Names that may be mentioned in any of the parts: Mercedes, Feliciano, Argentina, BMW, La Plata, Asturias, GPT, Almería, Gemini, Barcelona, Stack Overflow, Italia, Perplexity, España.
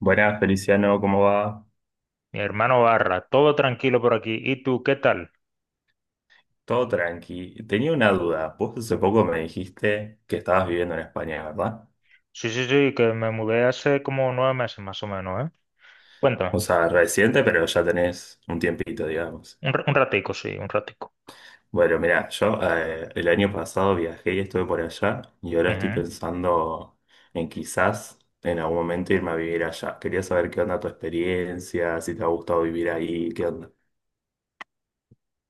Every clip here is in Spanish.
Buenas, Feliciano, ¿cómo va? Mi hermano Barra, todo tranquilo por aquí. ¿Y tú, qué tal? Todo tranqui. Tenía una duda. Vos hace poco me dijiste que estabas Ujú. viviendo en España, ¿verdad? Sí, sí, sí, que me mudé hace como 9 meses más o menos, ¿eh? Cuéntame. O sea, reciente, pero ya tenés un tiempito, digamos. Un ratico, sí, un ratico. Bueno, mirá, yo el año pasado viajé y estuve por allá y ahora estoy Ujú. pensando en quizás en algún momento irme a vivir allá. Quería saber qué onda tu experiencia, si te ha gustado vivir ahí, qué onda.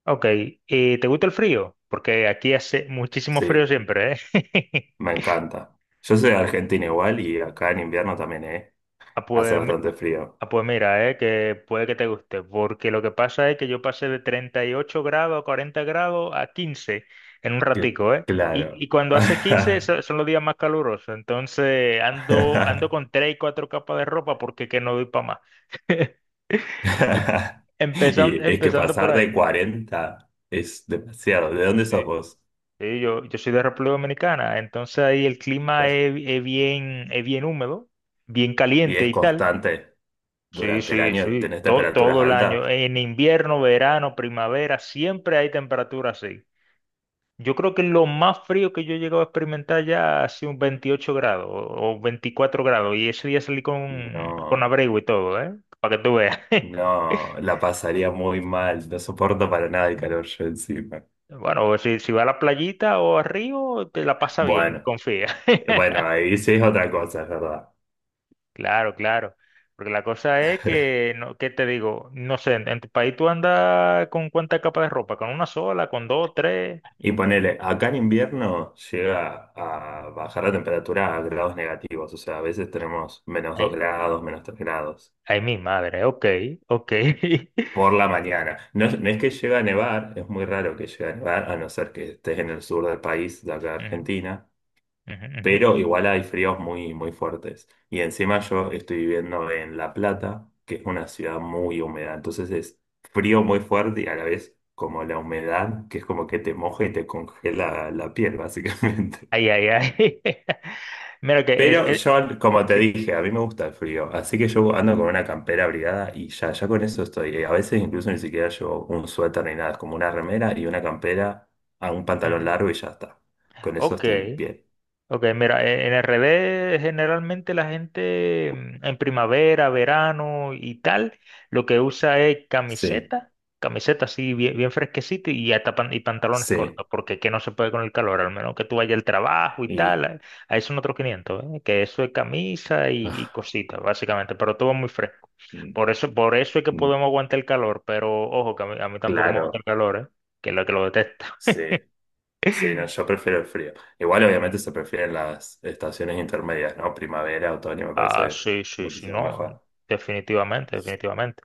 Ok, ¿y te gusta el frío? Porque aquí hace muchísimo frío Sí, siempre, ¿eh? me encanta. Yo soy de Argentina igual y acá en invierno también, ¿eh? Ah, Hace pues mi- bastante frío. Ah, pues mira, que puede que te guste, porque lo que pasa es que yo pasé de 38 grados a 40 grados a 15 en un Cl- ratico, ¿eh? Y, Claro. y cuando hace 15 son los días más calurosos, entonces ando, con 3 y 4 capas de ropa porque que no doy para más. Empezando, Y es que empezando por pasar de ahí. 40 es demasiado. ¿De dónde sos Sí. vos? Sí, yo soy de República Dominicana, entonces ahí el clima Claro. es bien húmedo, bien Y caliente es y tal. constante. Sí, Durante el sí, año sí, tenés to- temperaturas todo el año, altas. en invierno, verano, primavera, siempre hay temperatura así. Yo creo que lo más frío que yo he llegado a experimentar ya ha sido un 28 grados o 24 grados y ese día salí con No, abrigo y todo, ¿eh? Para que tú veas. no, la pasaría muy mal. No soporto para nada el calor yo encima. Bueno, si va a la playita o a río, te la pasa bien, Bueno, confía. Bueno, ahí sí es otra cosa, es verdad. Claro, claro. Porque la cosa es que, no, ¿qué te digo? No sé, en tu país tú andas con cuánta capa de ropa, con una sola, con dos, tres. Y ponele, acá en invierno llega a bajar la temperatura a grados negativos, o sea, a veces tenemos menos dos Ay, grados, -3 grados ay, mi madre, ok, ok. por la mañana. No, es no es que llega a nevar, es muy raro que llegue a nevar, a no ser que estés en el sur del país, de acá de Ujú, Argentina, ujú, ujú. pero igual hay fríos muy, muy fuertes. Y encima yo estoy viviendo en La Plata, que es una ciudad muy húmeda, entonces es frío muy fuerte y a la vez como la humedad, que es como que te moja y te congela la piel, básicamente. Ay, ay, ay. Mira que Pero es- yo, como te Sí. dije, a mí me gusta el frío, así que yo ando con una campera abrigada y ya, ya con eso estoy. A veces incluso ni siquiera llevo un suéter ni nada, es como una remera y una campera a un pantalón Ujú. largo y ya está. Con eso Ok, estoy bien. Ok, mira, en el revés generalmente la gente, en primavera, verano y tal, lo que usa es Sí, camiseta, camiseta así bien, bien fresquecita y hasta y pantalones sí. cortos, porque que no se puede con el calor, al menos que tú vayas al trabajo y tal, Y ahí son otros 500, ¿eh? Que eso es camisa y ah, cositas, básicamente, pero todo muy fresco. mm, Por eso es que mm, podemos aguantar el calor, pero ojo, que a mí tampoco me gusta el claro, calor, ¿eh? Que lo detesto. sí, sí, no, yo prefiero el frío. Igual Ujú. obviamente se prefieren las estaciones intermedias, ¿no? Primavera, otoño, me Ah, parece sí, sí, sí, muchísimo no, mejor. definitivamente, definitivamente.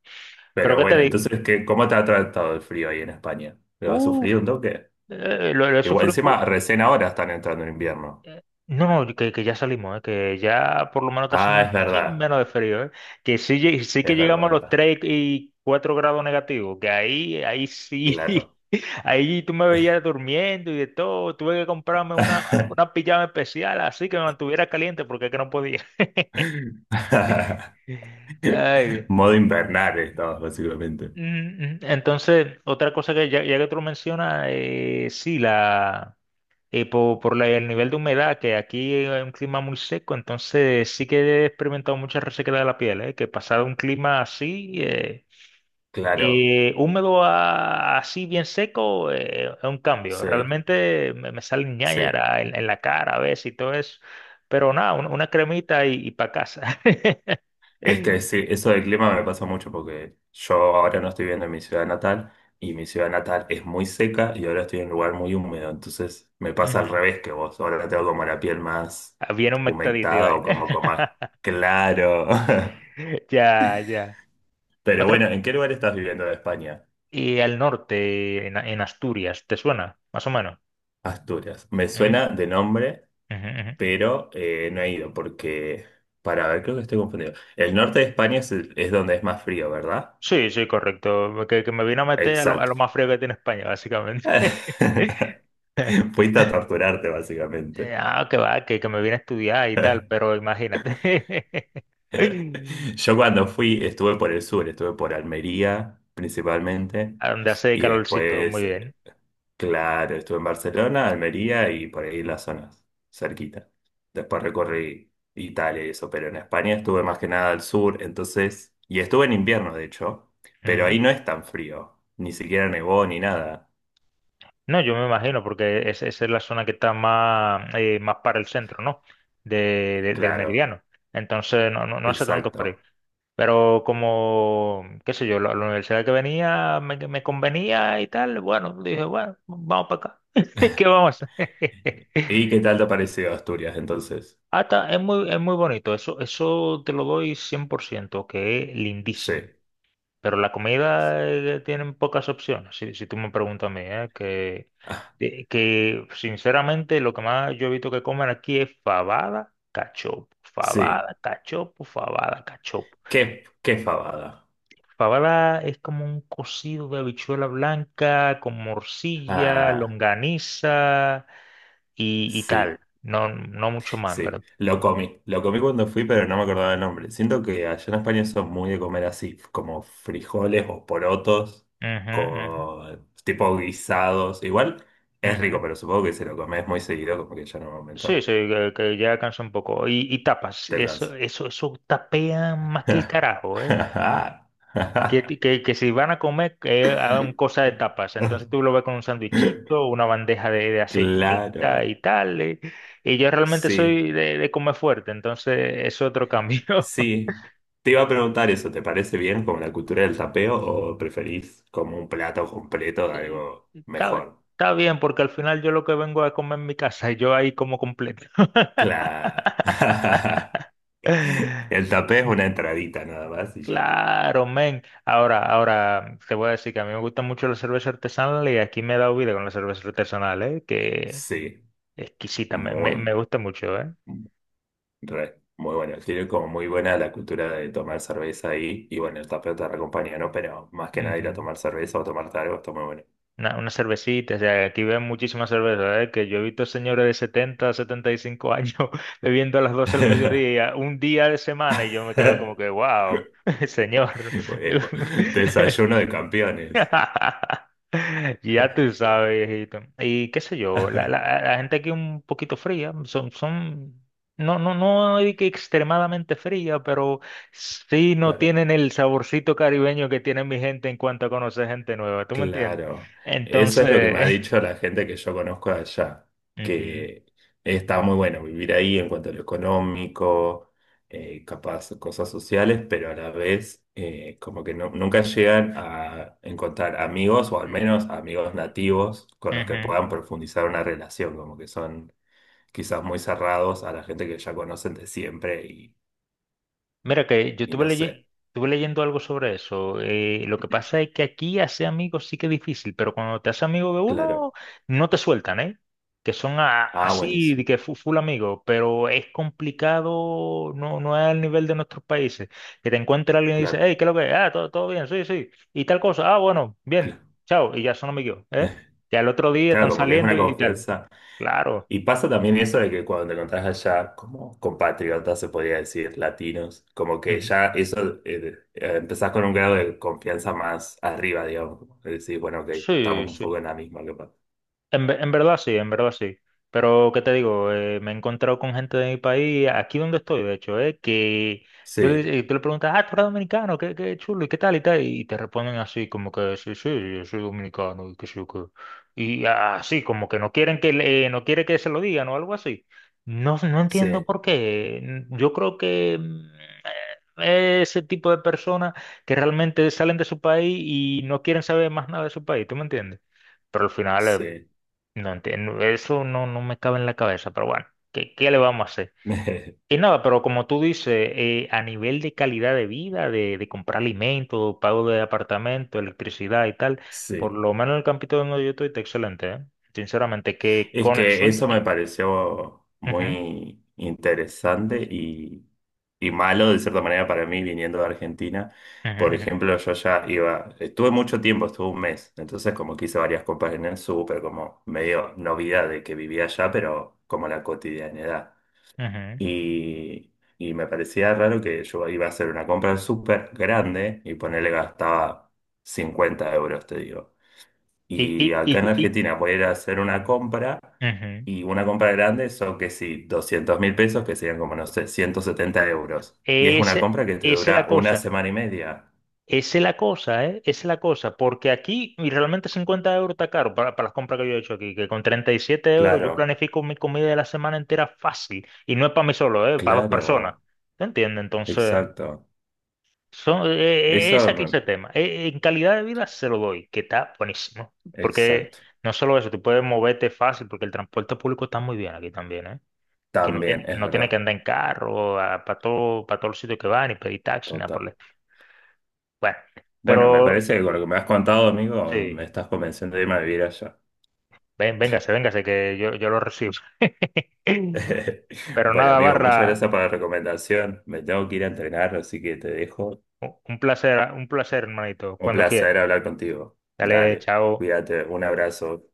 Pero Pero ¿qué te bueno, digo? entonces, ¿qué, cómo te ha tratado el frío ahí en España? ¿Lo has Uf, sufrido un toque? Lo he Igual, sufrido un poco. encima, recién ahora están entrando en invierno. No, no, que ya salimos, que ya por lo menos está haciendo Ah, es un chin verdad, menos de frío, que sí, sí que es verdad, llegamos es a los verdad. 3 y 4 grados negativos, que ahí, ahí sí, Claro. ahí tú me veías durmiendo y de todo, tuve que comprarme una pijama especial así que me mantuviera caliente porque es que no podía. Ay, Dios. Modo invernal estamos, básicamente. Mm, Entonces, otra cosa que ya que tú lo mencionas, sí, por, el nivel de humedad, que aquí es un clima muy seco, entonces sí que he experimentado mucha resequedad de la piel, que pasado un clima así, Claro, húmedo así bien seco, es un cambio. sí, Realmente me salen sí. ñáñaras en la cara a veces y todo eso, pero nada, una cremita y, para casa. Es que sí, eso del clima me pasa mucho porque yo ahora no estoy viviendo en mi ciudad natal y mi ciudad natal es muy seca y ahora estoy en un lugar muy húmedo. Entonces me pasa al Ujú. revés que vos. Ahora tengo como la piel más Bien humectadita y humectada o como vaina. con más claro. Ya, ya. Pero Otra, bueno, ¿en qué lugar estás viviendo de España? y al norte, en Asturias, ¿te suena? Más o menos. Asturias. Me Ujú, suena de nombre, ujú, ujú. pero no he ido porque, para ver, creo que estoy confundido. El norte de España es, es donde es más frío, ¿verdad? Sí, sí, correcto. Que me vino a meter a Exacto. lo más frío que tiene España, básicamente. Fuiste a torturarte, básicamente. Ah, que va, que me vine a estudiar y tal, pero imagínate. Yo cuando fui, estuve por el sur, estuve por Almería principalmente, A donde hace y calorcito, muy después, bien. claro, estuve en Barcelona, Almería y por ahí las zonas cerquita. Después recorrí Italia y eso, pero en España estuve más que nada al sur, entonces, y estuve en invierno, de hecho, pero Ujú. ahí no es tan frío, ni siquiera nevó ni nada. No, yo me imagino, porque esa es la zona que está más, más para el centro, ¿no? Del Claro, meridiano. Entonces, no, no, no hace tanto frío. exacto. Pero como, qué sé yo, la universidad que venía me convenía y tal, bueno, dije, bueno, vamos para acá. ¿Qué vamos a hacer? ¿Y qué tal te pareció Asturias entonces? Hasta es muy bonito, eso te lo doy 100 % que es Sí. lindísimo. Pero la comida tienen pocas opciones, si tú me preguntas a mí, ¿eh? Que, Ah, de- que sinceramente lo que más yo he visto que comen aquí es fabada, cachopo, sí, fabada, cachopo, fabada, cachopo. qué fabada. Fabada es como un cocido de habichuela blanca con morcilla, Ah, longaniza y sí, tal. No, no mucho más, en sí. ¿verdad? Lo comí cuando fui, pero no me acordaba el nombre. Siento que allá en España son muy de comer así, como frijoles o porotos, Ujú, con tipo guisados. Igual es ujú, rico, ujú. pero supongo que si lo comes muy seguido, como que ya en un Sí, momento sí, que ya cansa un poco. Y tapas, te eso, cansas. eso, eso tapean más que el carajo, ¿eh? Que, que, que si van a comer, que hagan cosa de tapas. Entonces tú lo ves con un sandwichito, una bandeja de Claro, aceitunita y tal. Y yo realmente sí. soy de comer fuerte, entonces es otro cambio. Sí, te iba a preguntar eso, ¿te parece bien como la cultura del tapeo o preferís como un plato completo de eh, algo Está, mejor? está bien, porque al final yo lo que vengo a comer en mi casa y yo ahí como completo. Claro. El tapeo es una entradita nada más y ya está. Claro, men. Ahora, ahora te voy a decir que a mí me gusta mucho la cerveza artesanal y aquí me he dado vida con la cerveza artesanal, ¿eh? Que Sí, exquisita, me muy, gusta mucho. re, muy bueno. Tiene como muy buena la cultura de tomar cerveza ahí y bueno, el tapeo te acompaña, ¿no? Pero más que nada ir a Ujú. tomar cerveza o tomarte algo está muy bueno. Una cervecita, o sea, aquí ven muchísimas cervezas, ¿eh? Que yo he visto señores de setenta y cinco años bebiendo a las 12 del mediodía, un día de semana, y yo me quedo como que, wow, señor. Bueno, desayuno de campeones. Ya tú sabes, hijito. Y qué sé yo, la gente aquí un poquito fría, son, no, no, no hay que extremadamente fría, pero sí no Claro. tienen el saborcito caribeño que tiene mi gente en cuanto a conocer gente nueva, ¿tú me entiendes? Claro, eso es lo que me ha Entonces. dicho la gente que yo conozco de allá, Ujú, que está muy bueno vivir ahí en cuanto a lo económico, capaz cosas sociales, pero a la vez como que nunca llegan a encontrar amigos o al menos amigos nativos con los que ujú. puedan profundizar una relación, como que son quizás muy cerrados a la gente que ya conocen de siempre Mira que yo y estuve, no sé, leye- estuve leyendo algo sobre eso. Lo que pasa es que aquí hacer amigos sí que es difícil, pero cuando te haces amigo de uno, claro, no te sueltan, ¿eh? Que son a- ah, así, de buenísimo, que full amigo, pero es complicado, no, no es al nivel de nuestros países. Que te encuentre alguien y dice, claro, hey, ¿qué es lo que es? Ah, todo, todo bien, sí, sí. Y tal cosa, ah, bueno, bien, claro, chao, y ya son amigos, ¿eh? Ya el otro día claro, están como que es saliendo una y tal. confianza. Claro. Y pasa también eso de que cuando te encontrás allá, como compatriotas, se podría decir, latinos, como que Ujú. ya eso, empezás con un grado de confianza más arriba, digamos. Como que decís, bueno, ok, Sí, estamos un sí. poco en la misma, capaz. En verdad sí, en verdad sí. Pero, ¿qué te digo? Me he encontrado con gente de mi país, aquí donde estoy, de hecho, que tú Sí, le, eh, tú le preguntas, ah, tú eres dominicano, qué chulo, y qué tal, y tal, y te responden así, como que sí, sí, yo soy dominicano, y qué sé yo qué. Y así, como que no quieren que no quiere que se lo digan o algo así. No, no entiendo sí, por qué. Yo creo que ese tipo de personas que realmente salen de su país y no quieren saber más nada de su país, ¿tú me entiendes? Pero al final, sí, no entiendo, eso no, no me cabe en la cabeza, pero bueno, ¿qué le vamos a hacer? Y nada, pero como tú dices, a nivel de calidad de vida, de comprar alimentos, pago de apartamento, electricidad y tal, por sí. lo menos el campito donde yo estoy está excelente, ¿eh? Sinceramente, que Es con el que sueldo. eso me pareció Ujú, muy interesante y malo de cierta manera para mí viniendo de Argentina. Por ujú, ejemplo, yo ya iba, estuve mucho tiempo, estuve un mes, entonces como que hice varias compras en el súper, como medio novedad de que vivía allá, pero como la cotidianidad. ujú, ujú. Y, y me parecía raro que yo iba a hacer una compra súper grande y ponerle gastaba 50 euros, te digo. Y, Y y, acá en y, y- Argentina voy a ir a hacer una compra Ujú. y una compra grande son que sí, 200.000 pesos, que serían como, no sé, 170 euros. Y es una Ese- compra que te Esa es la dura una cosa. semana y media. Esa es la cosa, ¿eh? Esa es la cosa, porque aquí y realmente 50 € está caro para, las compras que yo he hecho aquí, que con 37 € yo Claro, planifico mi comida de la semana entera fácil, y no es para mí solo, ¿eh? Para dos personas, claro, ¿te entiendes? Entonces, exacto. Es Eso, aquí ese tema. En calidad de vida se lo doy, que está buenísimo, porque exacto. no solo eso, tú puedes moverte fácil, porque el transporte público está muy bien aquí también, ¿eh? Que no tiene, También, que es no tiene que verdad, andar en carro, para todos los sitios que van, y pedir taxi, nada por total. el- Bueno, Bueno, me pero. parece que con lo que me has contado, amigo, me Sí, estás convenciendo de irme a vivir allá. ven, véngase, véngase, que yo lo recibo. Pero Bueno, nada, amigo, Barra, muchas gracias por la recomendación. Me tengo que ir a entrenar, así que te dejo un placer, hermanito, Un cuando quiera. placer hablar contigo. Dale, Dale, chao. cuídate, un abrazo.